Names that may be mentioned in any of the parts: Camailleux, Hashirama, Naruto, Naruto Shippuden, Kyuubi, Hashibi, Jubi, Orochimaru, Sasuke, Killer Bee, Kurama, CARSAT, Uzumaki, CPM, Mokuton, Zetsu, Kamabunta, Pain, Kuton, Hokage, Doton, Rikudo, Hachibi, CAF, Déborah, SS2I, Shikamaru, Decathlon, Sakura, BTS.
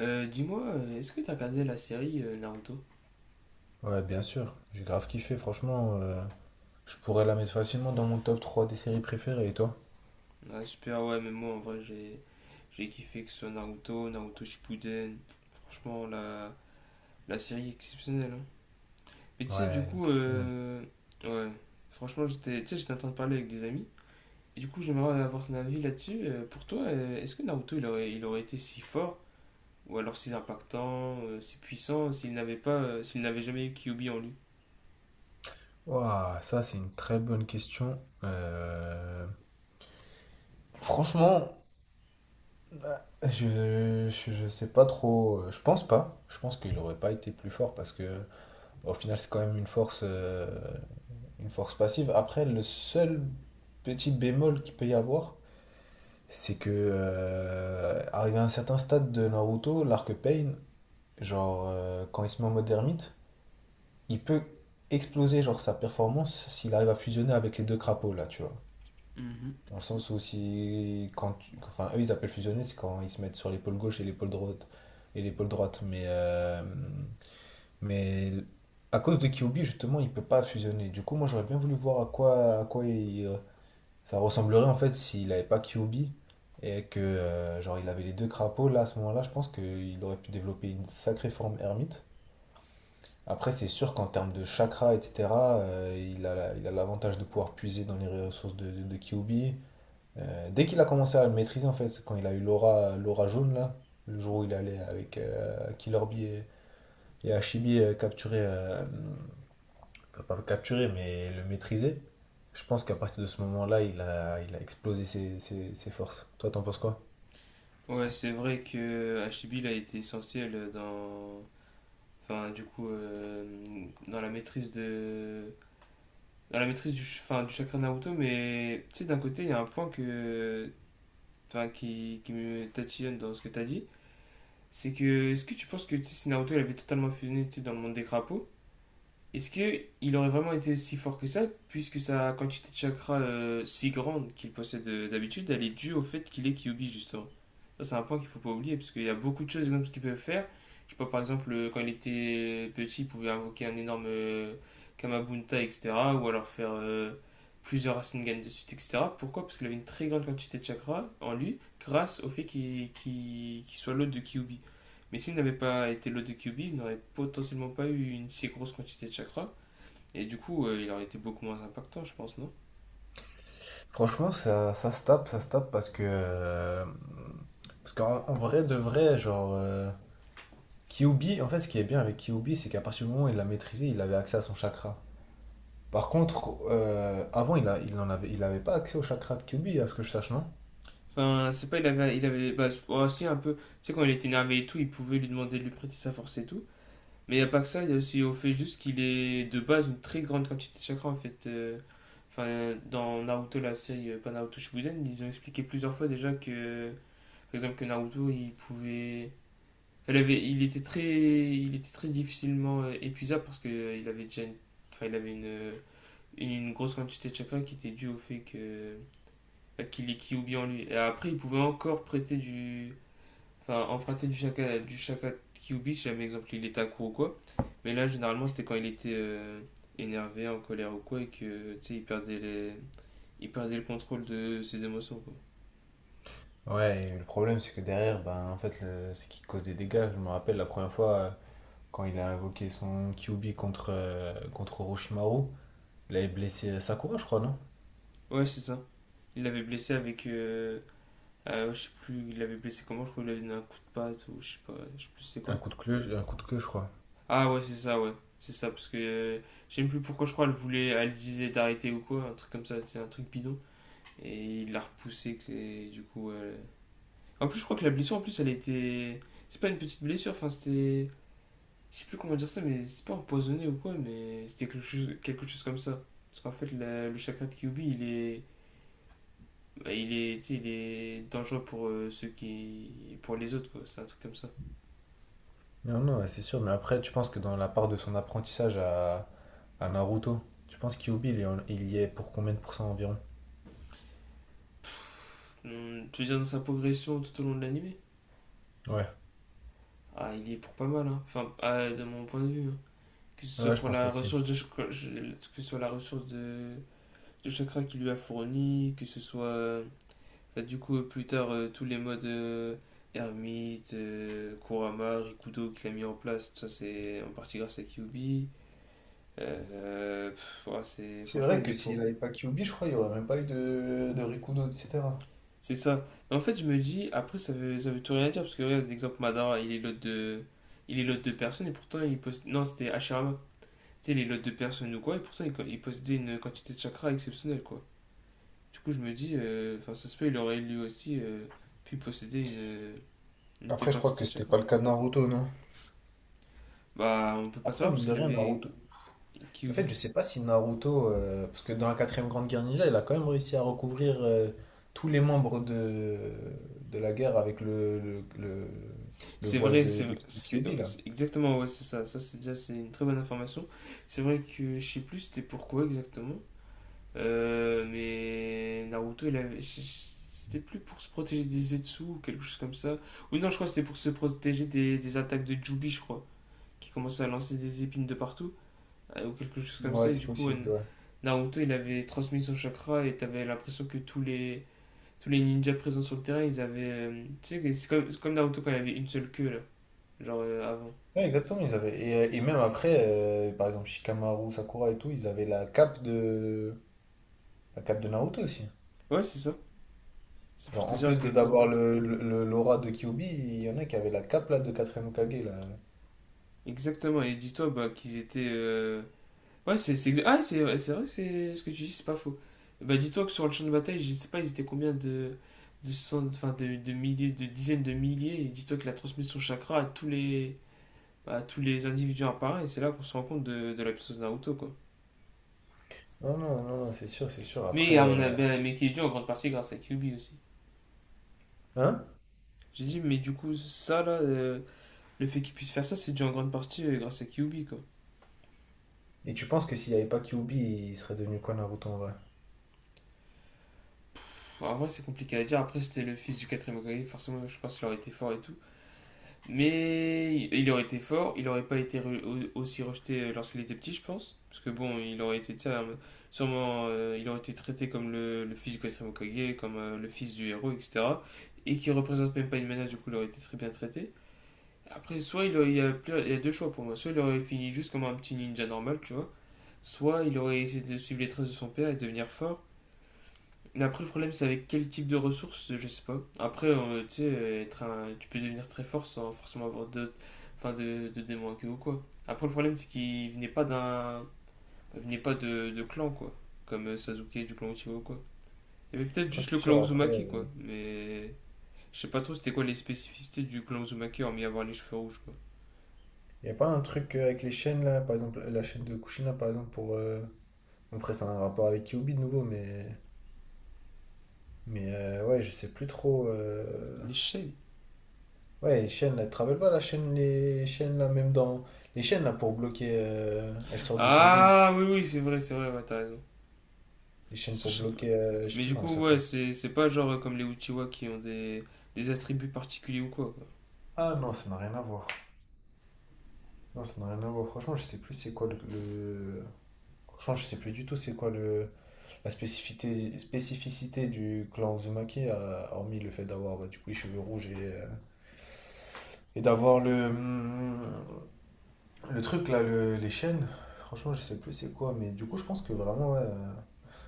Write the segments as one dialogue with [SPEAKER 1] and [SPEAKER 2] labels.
[SPEAKER 1] Dis-moi, est-ce que t'as regardé la série Naruto?
[SPEAKER 2] Ouais, bien sûr. J'ai grave kiffé, franchement. Je pourrais la mettre facilement dans mon top 3 des séries préférées, et toi?
[SPEAKER 1] Ah, super, ouais, mais moi en vrai j'ai kiffé que ce soit Naruto, Naruto Shippuden. Franchement, la série est exceptionnelle, hein. Mais tu sais, du
[SPEAKER 2] Ouais,
[SPEAKER 1] coup,
[SPEAKER 2] exceptionnel.
[SPEAKER 1] ouais, franchement, j'étais tu sais, j'étais en train de parler avec des amis. Et du coup, j'aimerais avoir ton avis là-dessus. Pour toi, est-ce que Naruto il aurait été si fort, ou alors si impactant, si puissant, s'il n'avait jamais eu Kyuubi en lui?
[SPEAKER 2] Ouah, ça c'est une très bonne question. Franchement, je sais pas trop. Je pense pas. Je pense qu'il aurait pas été plus fort parce que au final c'est quand même une force passive. Après, le seul petit bémol qu'il peut y avoir, c'est que arrivé à un certain stade de Naruto, l'arc Pain, genre, quand il se met en mode ermite, il peut exploser, genre sa performance s'il arrive à fusionner avec les deux crapauds là, tu vois.
[SPEAKER 1] Mhm.
[SPEAKER 2] Dans le sens où si quand tu- enfin eux ils appellent fusionner, c'est quand ils se mettent sur l'épaule gauche et l'épaule droite, mais à cause de Kyuubi justement, il peut pas fusionner. Du coup, moi j'aurais bien voulu voir à quoi il, ça ressemblerait en fait s'il avait pas Kyuubi et que genre il avait les deux crapauds là à ce moment-là, je pense qu'il aurait pu développer une sacrée forme ermite. Après, c'est sûr qu'en termes de chakra, etc., il a, il a l'avantage de pouvoir puiser dans les ressources de Kyuubi. Dès qu'il a commencé à le maîtriser, en fait, c'est quand il a eu l'aura jaune, là, le jour où il allait avec Killer Bee et Hashibi capturer, enfin, pas le capturer, mais le maîtriser, je pense qu'à partir de ce moment-là, il a explosé ses forces. Toi, t'en penses quoi?
[SPEAKER 1] Ouais, c'est vrai que Hachibi il a été essentiel enfin du coup dans la maîtrise de dans la maîtrise du enfin, du chakra Naruto, mais tu sais d'un côté il y a un point que enfin qui me tatillonne dans ce que tu as dit. C'est que est-ce que tu penses que tu sais, si Naruto il avait totalement fusionné tu sais, dans le monde des crapauds, est-ce que il aurait vraiment été si fort que ça, puisque sa quantité de chakras si grande qu'il possède d'habitude, elle est due au fait qu'il est Kyuubi justement. Ça c'est un point qu'il ne faut pas oublier, parce qu'il y a beaucoup de choses énormes qu'il peut faire. Je sais pas, par exemple, quand il était petit, il pouvait invoquer un énorme Kamabunta, etc. Ou alors faire plusieurs Rasengan de suite, etc. Pourquoi? Parce qu'il avait une très grande quantité de chakras en lui, grâce au fait qu'il soit l'hôte de Kyuubi. Mais s'il n'avait pas été l'eau de QB, il n'aurait potentiellement pas eu une si grosse quantité de chakra. Et du coup, il aurait été beaucoup moins impactant, je pense, non?
[SPEAKER 2] Franchement, ça se tape parce que. Parce qu'en en vrai, de vrai, genre. Kyubi, en fait, ce qui est bien avec Kyubi, c'est qu'à partir du moment où il l'a maîtrisé, il avait accès à son chakra. Par contre, avant, il a, il en avait, il avait pas accès au chakra de Kyubi, à ce que je sache, non?
[SPEAKER 1] Enfin, c'est pas, il avait. Il avait bah, oh, si, un peu. Tu sais, quand il était énervé et tout, il pouvait lui demander de lui prêter sa force et tout. Mais il n'y a pas que ça, il y a aussi au fait juste qu'il est de base une très grande quantité de chakra, en fait. Enfin, dans Naruto, la série, pas Naruto Shippuden, ils ont expliqué plusieurs fois déjà que. Par exemple, que Naruto, il pouvait. Elle avait, il était très difficilement épuisable parce que il avait enfin, il avait une grosse quantité de chakra qui était due au fait que bah, qu'il est Kyuubi en lui. Et après, il pouvait encore enfin, emprunter du chakra de Kyuubi si jamais, exemple, il était à court ou quoi. Mais là, généralement, c'était quand il était énervé, en colère ou quoi, et que, tu sais, il perdait le contrôle de ses émotions, quoi.
[SPEAKER 2] Ouais, et le problème, c'est que derrière, ben, en fait, c'est qu'il cause des dégâts. Je me rappelle la première fois, quand il a invoqué son Kyubi contre, contre Orochimaru, il avait blessé Sakura, je crois, non?
[SPEAKER 1] Ouais, c'est ça. Il l'avait blessé avec, je sais plus, il l'avait blessé comment, je crois qu'il avait donné un coup de patte ou je sais pas, je sais plus c'est quoi.
[SPEAKER 2] Un coup de queue, je crois.
[SPEAKER 1] Ah ouais, c'est ça, parce que je sais même plus pourquoi, je crois elle voulait, elle disait d'arrêter ou quoi, un truc comme ça, c'est un truc bidon. Et il l'a repoussé, que c'est du coup. En plus, je crois que la blessure, en plus, elle était. C'est pas une petite blessure, enfin c'était. Je sais plus comment dire ça, mais c'est pas empoisonné ou quoi, mais c'était quelque chose comme ça. Parce qu'en fait, le chakra de Kyuubi, bah, il est, tu sais, il est dangereux pour ceux qui, pour les autres, quoi. C'est un truc comme ça.
[SPEAKER 2] Non, non, ouais, c'est sûr, mais après, tu penses que dans la part de son apprentissage à Naruto, tu penses que Kyubi, il y est pour combien de pourcents environ?
[SPEAKER 1] Hmm, tu veux dire dans sa progression tout au long de l'animé?
[SPEAKER 2] Ouais.
[SPEAKER 1] Ah, il y est pour pas mal, hein. Enfin, ah, de mon point de vue, hein.
[SPEAKER 2] Ouais, je pense aussi.
[SPEAKER 1] Que ce soit la ressource de chakra qu'il lui a fourni, que ce soit bah, du coup plus tard tous les modes ermite, Kurama, Rikudo qu'il a mis en place, tout ça c'est en partie grâce à Kyubi. Pff, ouais, c'est
[SPEAKER 2] C'est
[SPEAKER 1] franchement
[SPEAKER 2] vrai
[SPEAKER 1] il y est
[SPEAKER 2] que s'il
[SPEAKER 1] pour.
[SPEAKER 2] n'avait pas Kyuubi, je crois, il n'y aurait même pas eu de Rikudo, etc.
[SPEAKER 1] C'est ça. Et en fait, je me dis, après, ça veut tout rien dire, parce que regarde, l'exemple Madara, il est l'autre de... Il est l'autre de personnes et pourtant, il possède... Non, c'était Hashirama. Tu sais, il est l'autre de personnes ou quoi, et pourtant, il possédait une quantité de chakras exceptionnelle, quoi. Du coup, je me dis, enfin, ça se peut, il aurait lui aussi pu posséder une telle
[SPEAKER 2] Après, je crois que
[SPEAKER 1] quantité de
[SPEAKER 2] c'était
[SPEAKER 1] chakras.
[SPEAKER 2] pas le cas de Naruto, non?
[SPEAKER 1] Bah, on peut pas
[SPEAKER 2] Après,
[SPEAKER 1] savoir, parce
[SPEAKER 2] mine de
[SPEAKER 1] qu'il
[SPEAKER 2] rien,
[SPEAKER 1] avait
[SPEAKER 2] Naruto. En fait,
[SPEAKER 1] Kyuubi.
[SPEAKER 2] je sais pas si Naruto, parce que dans la quatrième grande guerre ninja, il a quand même réussi à recouvrir tous les membres de la guerre avec le
[SPEAKER 1] C'est
[SPEAKER 2] voile
[SPEAKER 1] vrai,
[SPEAKER 2] de
[SPEAKER 1] ouais,
[SPEAKER 2] Kyuubi, là.
[SPEAKER 1] c'est exactement, ouais, c'est ça. Ça, c'est déjà, c'est une très bonne information. C'est vrai que, je sais plus, c'était pourquoi exactement. Mais Naruto, c'était plus pour se protéger des Zetsu ou quelque chose comme ça. Ou non, je crois que c'était pour se protéger des attaques de Jubi, je crois, qui commençait à lancer des épines de partout, ou quelque chose comme ça.
[SPEAKER 2] Ouais,
[SPEAKER 1] Et
[SPEAKER 2] c'est
[SPEAKER 1] du coup,
[SPEAKER 2] possible, ouais.
[SPEAKER 1] Naruto, il avait transmis son chakra et t'avais l'impression que tous les ninjas présents sur le terrain, ils avaient. Tu sais, c'est comme Naruto quand il avait une seule queue, là, genre avant.
[SPEAKER 2] Ouais, exactement, ils avaient. Et même après, par exemple, Shikamaru, Sakura et tout, ils avaient la cape de Naruto aussi.
[SPEAKER 1] Ouais, c'est ça. C'est pour
[SPEAKER 2] Genre,
[SPEAKER 1] te
[SPEAKER 2] en
[SPEAKER 1] dire à
[SPEAKER 2] plus de
[SPEAKER 1] quel point.
[SPEAKER 2] d'avoir l'aura de Kyuubi, il y en a qui avaient la cape là, de 4ème Hokage. Là.
[SPEAKER 1] Exactement. Et dis-toi bah, qu'ils étaient. Ouais, c'est exa- ah, c'est ouais, c'est vrai que c'est ce que tu dis, c'est pas faux. Bah, dis-toi que sur le champ de bataille, je sais pas, ils étaient combien enfin, de milliers, de dizaines de milliers, et dis-toi qu'il a transmis son chakra à bah, à tous les individus apparaît, et c'est là qu'on se rend compte de la puissance de Naruto, quoi.
[SPEAKER 2] Non, non, non, non, c'est sûr, c'est sûr. Après.
[SPEAKER 1] Mais, à mon avis, bah, mais qui est dû en grande partie grâce à Kyuubi aussi.
[SPEAKER 2] Hein?
[SPEAKER 1] J'ai dit, mais du coup, ça là, le fait qu'il puisse faire ça, c'est dû en grande partie grâce à Kyuubi, quoi.
[SPEAKER 2] Et tu penses que s'il n'y avait pas Kyuubi, il serait devenu quoi Naruto en vrai?
[SPEAKER 1] Pff, en vrai, c'est compliqué à dire. Après, c'était le fils du quatrième Hokage, forcément, je pense qu'il aurait été fort et tout. Mais il aurait été fort, il n'aurait pas été aussi rejeté lorsqu'il était petit, je pense. Parce que bon, il aurait été, tu sais, il aurait été traité comme le fils du quatrième Hokage, comme le fils du héros, etc. Et qui représente même pas une menace, du coup, il aurait été très bien traité. Après, soit il, aurait- il y a, plus- il y a deux choix pour moi. Soit il aurait fini juste comme un petit ninja normal, tu vois. Soit il aurait essayé de suivre les traces de son père et devenir fort. Mais après, le problème, c'est avec quel type de ressources, je sais pas. Après, tu sais, tu peux devenir très fort sans forcément avoir enfin, de démons à queue ou quoi. Après, le problème, c'est qu'il venait pas d'un, il venait pas de, de clan, quoi. Comme Sasuke du clan Uchiwa ou quoi. Il y avait peut-être
[SPEAKER 2] Non,
[SPEAKER 1] juste le
[SPEAKER 2] c'est
[SPEAKER 1] clan
[SPEAKER 2] sûr, après.
[SPEAKER 1] Uzumaki, quoi. Mais je sais pas trop c'était quoi les spécificités du clan Uzumaki, hormis avoir les cheveux rouges, quoi.
[SPEAKER 2] Il n'y a pas un truc avec les chaînes là, par exemple, la chaîne de Kushina par exemple, pour. Après, c'est un rapport avec Kyuubi de nouveau, mais. Mais ouais, je sais plus trop.
[SPEAKER 1] Les chaînes.
[SPEAKER 2] Ouais, les chaînes là, tu te rappelles pas la chaîne, les chaînes là, même dans. Les chaînes là pour bloquer. Elles sortent de son bide.
[SPEAKER 1] Ah, oui, oui, c'est vrai, ouais, t'as raison.
[SPEAKER 2] Les chaînes
[SPEAKER 1] Ça, je
[SPEAKER 2] pour
[SPEAKER 1] sais pas.
[SPEAKER 2] bloquer. Je sais
[SPEAKER 1] Mais
[SPEAKER 2] plus
[SPEAKER 1] du
[SPEAKER 2] comment ça
[SPEAKER 1] coup, ouais,
[SPEAKER 2] s'appelle.
[SPEAKER 1] c'est pas genre comme les Uchiwa qui ont des attributs particuliers ou quoi, quoi.
[SPEAKER 2] Ah non, ça n'a rien à voir. Non, ça n'a rien à voir. Franchement, je sais plus c'est quoi le. Franchement, je sais plus du tout c'est quoi le... spécificité du clan Uzumaki, hormis le fait d'avoir bah, du coup les cheveux rouges et d'avoir le truc là, les chaînes. Franchement, je sais plus c'est quoi, mais du coup, je pense que vraiment, ouais,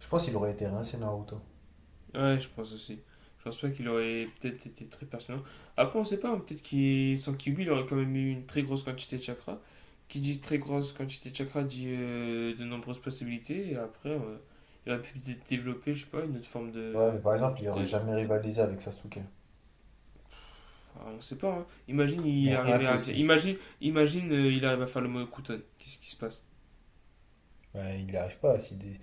[SPEAKER 2] je pense qu'il aurait été rincé Naruto.
[SPEAKER 1] Ouais, je pense aussi. Je pense pas qu'il aurait peut-être été très pertinent. Après, on sait pas, hein, peut-être qu'il sans Kyuubi, il aurait quand même eu une très grosse quantité de chakras. Qui dit très grosse quantité de chakras dit de nombreuses possibilités. Et après, il aurait pu peut-être développer, je sais pas, une autre forme
[SPEAKER 2] Ouais,
[SPEAKER 1] de.
[SPEAKER 2] mais par exemple, il aurait
[SPEAKER 1] De...
[SPEAKER 2] jamais rivalisé avec Sasuke.
[SPEAKER 1] Enfin, on sait pas, hein. Imagine, il
[SPEAKER 2] Non,
[SPEAKER 1] arrivait à faire.
[SPEAKER 2] impossible.
[SPEAKER 1] Imagine, imagine il arrive à faire le mot Kuton. Qu'est-ce qui se passe?
[SPEAKER 2] Ouais, il n'y arrive pas à s'y dé-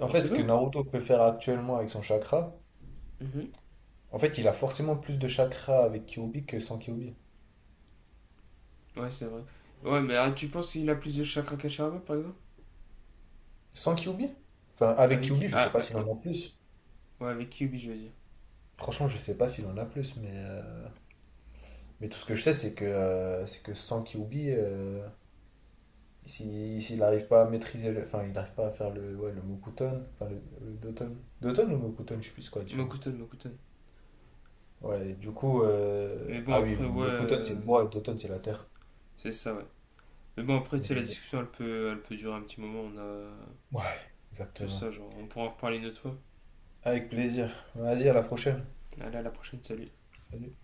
[SPEAKER 2] en
[SPEAKER 1] On
[SPEAKER 2] fait,
[SPEAKER 1] sait
[SPEAKER 2] ce que
[SPEAKER 1] pas.
[SPEAKER 2] Naruto peut faire actuellement avec son chakra,
[SPEAKER 1] Mhm.
[SPEAKER 2] en fait, il a forcément plus de chakras avec Kyuubi que sans Kyuubi.
[SPEAKER 1] Ouais, c'est vrai. Ouais, mais ah, tu penses qu'il a plus de chakras qu'Hashirama, par exemple?
[SPEAKER 2] Sans Kyuubi? Enfin, avec
[SPEAKER 1] Avec.
[SPEAKER 2] Kyuubi, je sais
[SPEAKER 1] Ah,
[SPEAKER 2] pas
[SPEAKER 1] ah,
[SPEAKER 2] s'il
[SPEAKER 1] oh,
[SPEAKER 2] en a plus.
[SPEAKER 1] ouais, avec Kyuubi, je veux dire.
[SPEAKER 2] Franchement, je sais pas s'il en a plus, mais tout ce que je sais, c'est que sans Kyuubi, s'il n'arrive pas à maîtriser le. Enfin, il n'arrive pas à faire le, ouais, le Mokuton, enfin le Doton. Doton ou Mokuton, je sais plus quoi la différence.
[SPEAKER 1] Mokuton, Mokuton.
[SPEAKER 2] Ouais, du coup,
[SPEAKER 1] Mais bon,
[SPEAKER 2] ah oui,
[SPEAKER 1] après, ouais,
[SPEAKER 2] Mokuton c'est le bois et Doton c'est la terre.
[SPEAKER 1] c'est ça, ouais. Mais bon, après, tu sais, la
[SPEAKER 2] Mais
[SPEAKER 1] discussion, elle peut durer un petit moment. On a...
[SPEAKER 2] ouais,
[SPEAKER 1] C'est
[SPEAKER 2] exactement.
[SPEAKER 1] ça, genre, on pourra en reparler une autre fois.
[SPEAKER 2] Avec plaisir. Vas-y, à la prochaine.
[SPEAKER 1] Allez, à la prochaine, salut.
[SPEAKER 2] Salut.